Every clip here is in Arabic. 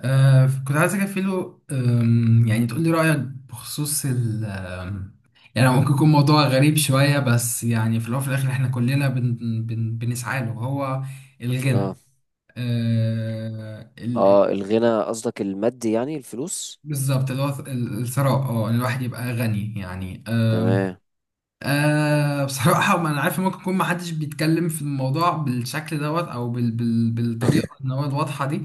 كنت عايز اكفيله يعني تقول لي رأيك بخصوص ال آم، يعني ممكن يكون موضوع غريب شوية، بس يعني في الأول وفي الآخر احنا كلنا بن بن بنسعى له، هو الغنى. اه. آه ال ال- اه، الغنى قصدك المادي، يعني الفلوس. بالظبط، اللي هو الثراء، إن الواحد يبقى غني، يعني. آم، تمام. آه بصراحة ما أنا عارف، ممكن يكون محدش بيتكلم في الموضوع بالشكل دوت، أو بالطريقة إن هو الواضحة دي.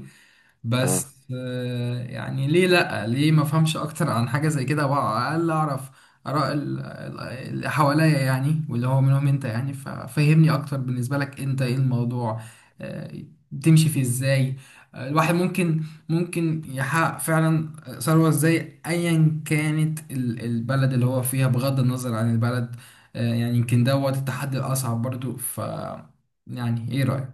اه، بس يعني ليه لأ، ليه ما افهمش اكتر عن حاجة زي كده، وعلى الاقل اعرف اراء اللي حواليا، يعني، واللي هو منهم انت، يعني. ففهمني اكتر، بالنسبة لك انت ايه الموضوع آه، تمشي فيه ازاي؟ الواحد ممكن يحقق فعلا ثروة ازاي، ايا كانت البلد اللي هو فيها، بغض النظر عن البلد. يعني يمكن دوت التحدي الاصعب برضو. يعني ايه رأيك؟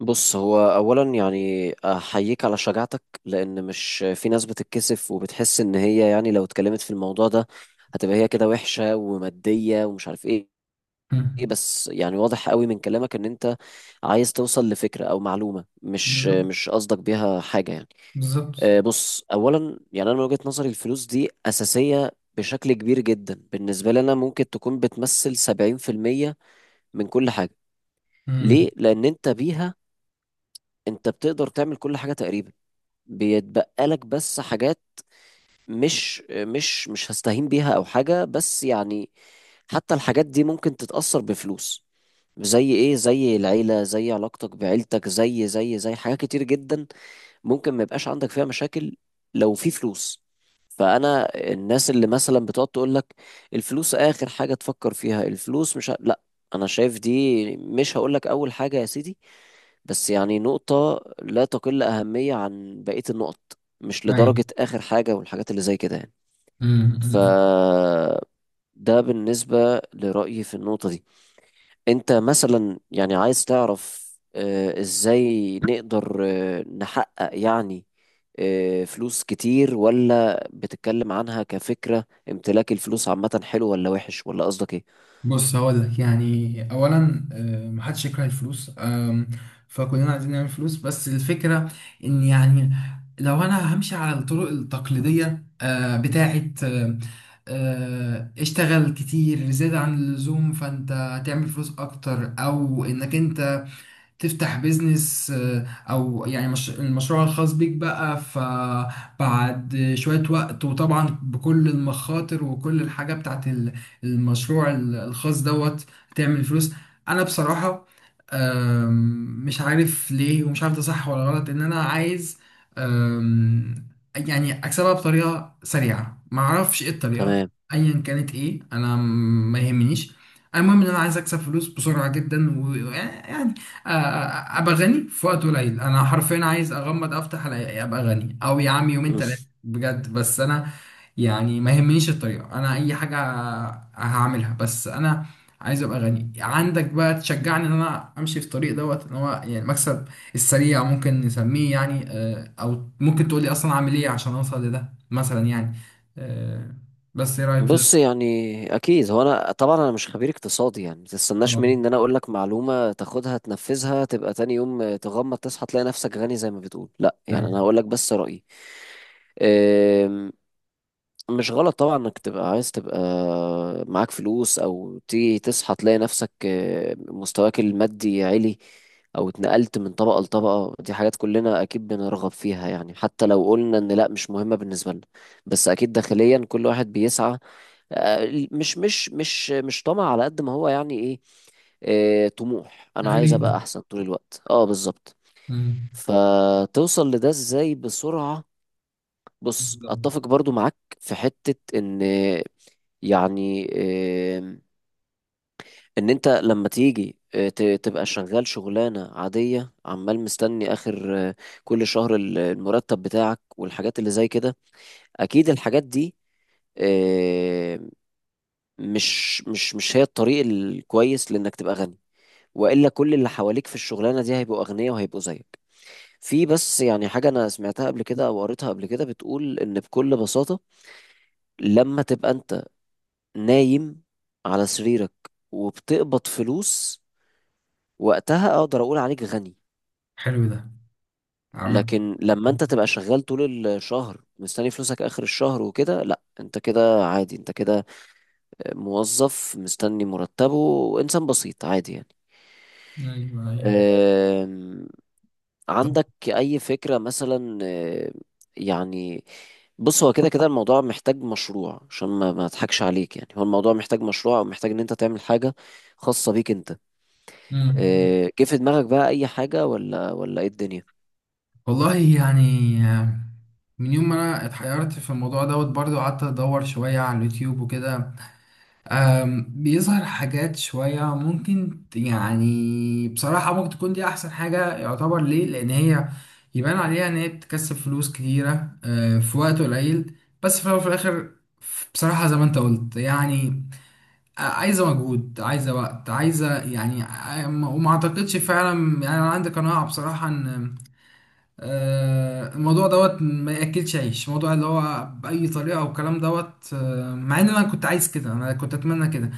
بص، هو اولا يعني احييك على شجاعتك، لان مش في ناس بتتكسف وبتحس ان هي يعني لو اتكلمت في الموضوع ده هتبقى هي كده وحشة ومادية ومش عارف ايه. إيه مم. بس يعني واضح قوي من كلامك ان انت عايز توصل لفكرة او معلومة، مش بالظبط، مش قصدك بيها حاجة يعني. بالظبط. بص اولا يعني انا من وجهة نظري الفلوس دي اساسية بشكل كبير جدا بالنسبة لنا، ممكن تكون بتمثل 70% من كل حاجة. ليه؟ لان انت بيها، انت بتقدر تعمل كل حاجة تقريبا. بيتبقى لك بس حاجات مش هستهين بيها او حاجة، بس يعني حتى الحاجات دي ممكن تتأثر بفلوس. زي ايه؟ زي العيلة، زي علاقتك بعيلتك، زي حاجات كتير جدا ممكن ما يبقاش عندك فيها مشاكل لو في فلوس. فانا الناس اللي مثلا بتقعد تقول لك الفلوس اخر حاجه تفكر فيها، الفلوس مش لا، انا شايف دي، مش هقول لك اول حاجه يا سيدي، بس يعني نقطه لا تقل اهميه عن بقيه النقط، مش ايوه. لدرجه اخر حاجه والحاجات اللي زي كده يعني. أمم، ف أمم. ده بالنسبه لرايي في النقطه دي. انت مثلا يعني عايز تعرف ازاي نقدر نحقق يعني فلوس كتير، ولا بتتكلم عنها كفكرة؟ امتلاك الفلوس عامة حلو ولا وحش ولا قصدك ايه؟ بص هقول لك، يعني اولا محدش يكره الفلوس، فكلنا عايزين نعمل فلوس، بس الفكره ان يعني لو انا همشي على الطرق التقليديه، بتاعه اشتغل كتير زيادة عن اللزوم، فانت هتعمل فلوس اكتر، او انك انت تفتح بيزنس او يعني مش المشروع الخاص بيك بقى، فبعد شوية وقت، وطبعا بكل المخاطر وكل الحاجة بتاعت المشروع الخاص دوت، تعمل فلوس. انا بصراحة مش عارف ليه، ومش عارف ده صح ولا غلط، ان انا عايز آم، يعني اكسبها بطريقة سريعة، معرفش ايه الطريقة، تمام. ايا كانت ايه، انا ما يهمنيش. المهم ان انا عايز اكسب فلوس بسرعه جدا، ويعني ابقى غني في وقت قليل. انا حرفيا عايز اغمض افتح الاقي ابقى غني، او يا عم يومين مم. ثلاثه بجد. بس انا يعني ما يهمنيش الطريقه، انا اي حاجه هعملها، بس انا عايز ابقى غني. عندك بقى تشجعني ان انا امشي في الطريق دوت، ان هو يعني المكسب السريع ممكن نسميه، يعني او ممكن تقولي اصلا اعمل ايه عشان اوصل لده، مثلا يعني. آه، بس ايه رايك في ده؟ بص يعني اكيد، هو انا طبعا انا مش خبير اقتصادي يعني، ما تستناش آه، مني ان انا اقول لك معلومة تاخدها تنفذها تبقى تاني يوم تغمض تصحى تلاقي نفسك غني زي ما بتقول، لا، يعني يعني انا هقول لك بس رأيي. مش غلط طبعا انك تبقى عايز تبقى معاك فلوس، او تيجي تصحى تلاقي نفسك مستواك المادي عالي، او اتنقلت من طبقة لطبقة، دي حاجات كلنا اكيد بنرغب فيها يعني، حتى لو قلنا ان لا، مش مهمة بالنسبة لنا، بس اكيد داخليا كل واحد بيسعى. مش طمع، على قد ما هو يعني ايه، طموح. انا عايز ابقى غريزه. احسن طول الوقت. اه، بالظبط. مم. فتوصل لده ازاي بسرعة؟ بص، بالظبط. اتفق برضو معاك في حتة ان يعني آم، ان انت لما تيجي تبقى شغال شغلانة عادية، عمال مستني اخر كل شهر المرتب بتاعك والحاجات اللي زي كده، اكيد الحاجات دي آه، مش هي الطريق الكويس لانك تبقى غني، والا كل اللي حواليك في الشغلانة دي هيبقوا اغنياء وهيبقوا زيك. في بس يعني حاجة أنا سمعتها قبل كده أو قريتها قبل كده، بتقول إن بكل بساطة لما تبقى أنت نايم على سريرك وبتقبض فلوس، وقتها اقدر اقول عليك غني. حلو ده، عمل. لكن لما انت تبقى شغال طول الشهر مستني فلوسك اخر الشهر وكده، لا، انت كده عادي، انت كده موظف مستني مرتبه، وانسان بسيط عادي يعني. ايوه، ايوه. أم، عندك اي فكرة مثلا؟ يعني بص، هو كده كده الموضوع محتاج مشروع، عشان ما اضحكش عليك يعني، هو الموضوع محتاج مشروع او محتاج ان انت تعمل حاجة خاصة بيك انت. مم. إيه، جه في دماغك بقى اي حاجة ولا ايه الدنيا؟ والله يعني آه، من يوم ما انا اتحيرت في الموضوع دوت، برضو قعدت ادور شوية على اليوتيوب وكده. بيظهر حاجات شوية ممكن يعني بصراحة ممكن تكون دي احسن حاجة يعتبر، ليه؟ لان هي يبان عليها ان هي بتكسب فلوس كتيرة، في وقت قليل. بس في الاول وفي الاخر، بصراحة زي ما انت قلت، يعني عايزة مجهود، عايزة وقت، عايزة يعني. وما اعتقدش فعلا يعني، انا عندي قناعة بصراحة ان الموضوع دوت ما ياكلش عيش، موضوع اللي هو باي طريقه، او الكلام دوت. مع ان انا كنت عايز كده، انا كنت اتمنى كده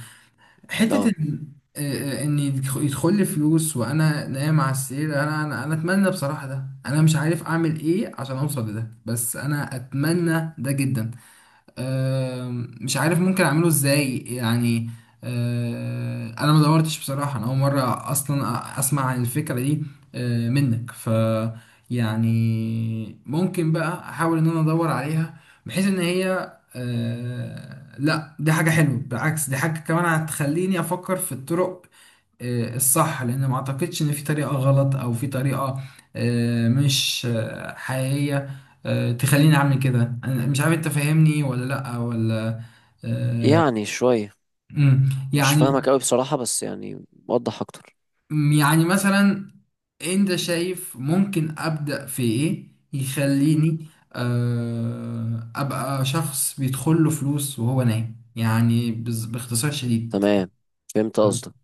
حته، اه، ان ان يدخل لي فلوس وانا نايم على السرير، انا انا أنا اتمنى بصراحه ده، انا مش عارف اعمل ايه عشان اوصل لده، بس انا اتمنى ده جدا. مش عارف ممكن اعمله ازاي يعني. انا ما دورتش بصراحة، انا اول مرة اصلا اسمع عن الفكرة دي منك. ف يعني ممكن بقى احاول ان انا ادور عليها، بحيث ان هي لا دي حاجة حلوة، بالعكس دي حاجة كمان هتخليني افكر في الطرق الصح، لان ما اعتقدش ان في طريقة غلط، او في طريقة آه، مش آه، حقيقية تخليني اعمل كده. انا مش عارف انت فاهمني ولا لا، ولا آه، يعني شوية مم، مش يعني. فاهمك قوي بصراحة، بس يعني وضح اكتر. يعني مثلا، انت شايف ممكن ابدا في ايه يخليني ابقى شخص بيدخل له فلوس وهو نايم، يعني باختصار شديد. تمام، فهمت مم. قصدك.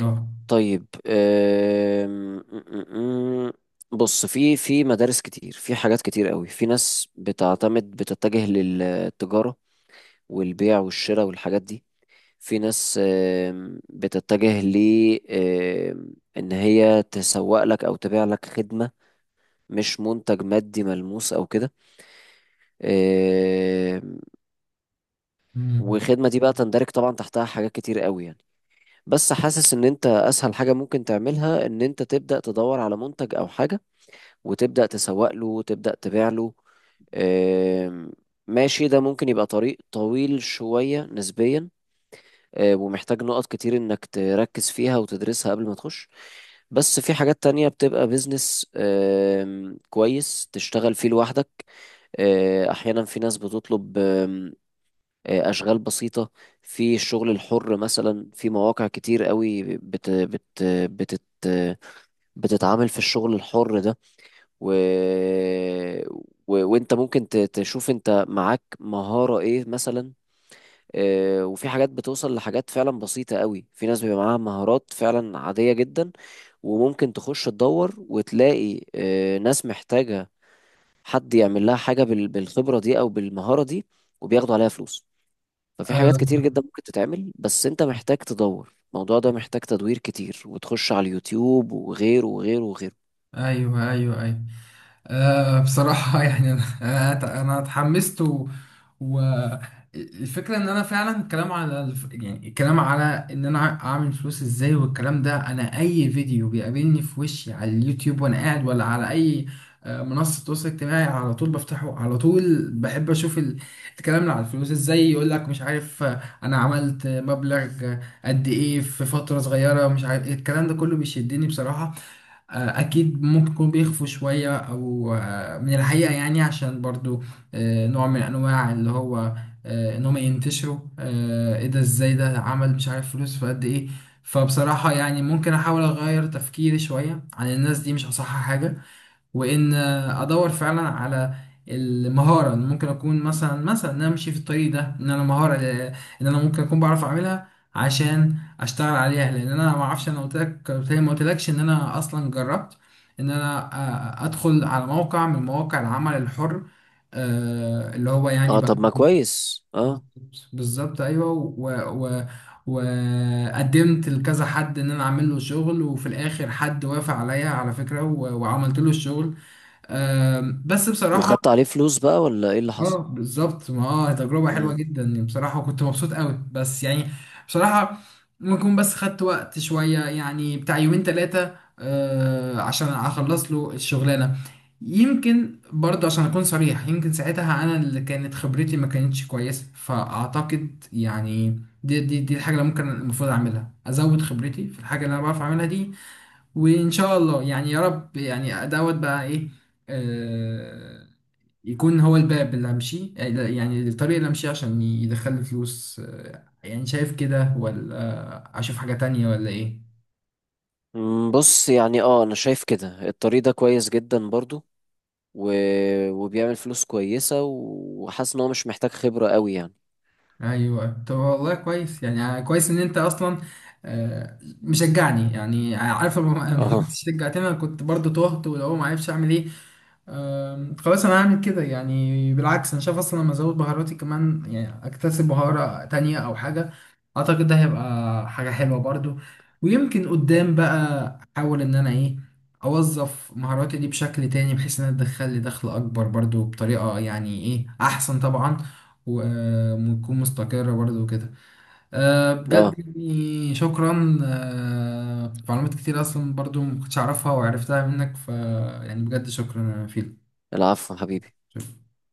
اه. طيب. أم، أم، أم. بص، في في مدارس كتير، في حاجات كتير قوي، في ناس بتعتمد بتتجه للتجارة والبيع والشراء والحاجات دي. في ناس بتتجه ل ان هي تسوق لك او تبيع لك خدمة، مش منتج مادي ملموس او كده. آم، مم. وخدمة دي بقى تندرج طبعا تحتها حاجات كتير قوي يعني، بس حاسس ان انت اسهل حاجة ممكن تعملها ان انت تبدأ تدور على منتج او حاجة، وتبدأ تسوق له وتبدأ تبيع له. آم، ماشي، ده ممكن يبقى طريق طويل شوية نسبيا، ومحتاج نقط كتير انك تركز فيها وتدرسها قبل ما تخش. بس في حاجات تانية بتبقى بيزنس كويس تشتغل فيه لوحدك. احيانا في ناس بتطلب أشغال بسيطة. في الشغل الحر مثلا في مواقع كتير قوي بت بت بتت بتتعامل في الشغل الحر ده. و... وانت ممكن تشوف انت معاك مهارة ايه مثلا. وفي حاجات بتوصل لحاجات فعلا بسيطة قوي، في ناس بيبقى معاها مهارات فعلا عادية جدا، وممكن تخش تدور وتلاقي ناس محتاجة حد يعمل لها حاجة بالخبرة دي أو بالمهارة دي، وبياخدوا عليها فلوس. ففي حاجات كتير آه، جدا ممكن تتعمل، بس انت محتاج تدور، الموضوع ده محتاج تدوير كتير وتخش على اليوتيوب وغيره وغيره وغيره. ايوه، ايوه، ايوه. آه بصراحة يعني أنا اتحمست، و... و الفكرة إن أنا فعلا الكلام على يعني الكلام على إن أنا أعمل فلوس إزاي، والكلام ده أنا أي فيديو بيقابلني في وشي على اليوتيوب وأنا قاعد، ولا على أي منصة تواصل اجتماعي، على طول بفتحه. على طول بحب أشوف الكلام اللي على الفلوس إزاي، يقول لك مش عارف أنا عملت مبلغ قد إيه في فترة صغيرة، مش عارف إيه. الكلام ده كله بيشدني بصراحة. اكيد ممكن يكونوا بيخفوا شويه او من الحقيقه، يعني عشان برضو نوع من انواع اللي هو ان هم ينتشروا. ايه ده، ازاي ده عمل مش عارف فلوس في قد ايه؟ فبصراحه يعني ممكن احاول اغير تفكيري شويه عن الناس دي، مش اصح حاجه، وان ادور فعلا على المهاره. إن ممكن اكون مثلا، مثلا ان انا امشي في الطريق ده، ان انا مهاره ان انا ممكن اكون بعرف اعملها عشان اشتغل عليها، لان انا ما اعرفش. انا قلت لك، قلت لي، ما قلتلكش ان انا اصلا جربت ان انا ادخل على موقع من مواقع العمل الحر اللي هو يعني اه، بقى طب ما كويس. اه، بالظبط، ايوه، و و وقدمت لكذا حد ان انا اعمل له شغل، وفي الاخر حد وافق عليا على فكره، وعملت له الشغل. بس بصراحة، وخدت عليه فلوس بقى ولا ايه اللي اه حصل؟ بالظبط. ما اه تجربة حلوة مم. جدا يعني بصراحة، وكنت مبسوط قوي، بس يعني بصراحة ممكن أكون بس خدت وقت شوية، يعني بتاع يومين تلاتة آه عشان اخلص له الشغلانة. يمكن برضه، عشان اكون صريح، يمكن ساعتها انا اللي كانت خبرتي ما كانتش كويسة، فاعتقد يعني دي الحاجة اللي ممكن المفروض اعملها، ازود خبرتي في الحاجة اللي انا بعرف اعملها دي، وان شاء الله يعني يا رب يعني دوت بقى، ايه آه، يكون هو الباب اللي همشيه، يعني الطريق اللي همشيه عشان يدخل فلوس. يعني شايف كده ولا اشوف حاجة تانية ولا ايه؟ مم، بص يعني، اه، انا شايف كده الطريق ده كويس جدا برضو، و... وبيعمل فلوس كويسة، وحاسس ان هو مش محتاج خبرة قوي يعني. ايوه. طب والله كويس، يعني كويس ان انت اصلا مشجعني، يعني عارف لو ما اه. كنتش شجعتني انا كنت برضه تهت، ولو ما عرفش اعمل ايه. خلاص انا هعمل كده، يعني بالعكس انا شايف اصلا لما ازود بهاراتي كمان، يعني اكتسب بهارة تانية او حاجة، اعتقد ده هيبقى حاجة حلوة برضو. ويمكن قدام بقى احاول ان انا ايه، اوظف مهاراتي دي بشكل تاني بحيث انها تدخل لي دخل اكبر برضو، بطريقة يعني ايه احسن طبعا، و- وتكون مستقرة برضو وكده. أه، بجد اه، يعني شكرا، أه، معلومات كتير اصلا برضو ما كنتش اعرفها وعرفتها منك، ف يعني بجد شكرا يا فيلو. العفو حبيبي. شوف.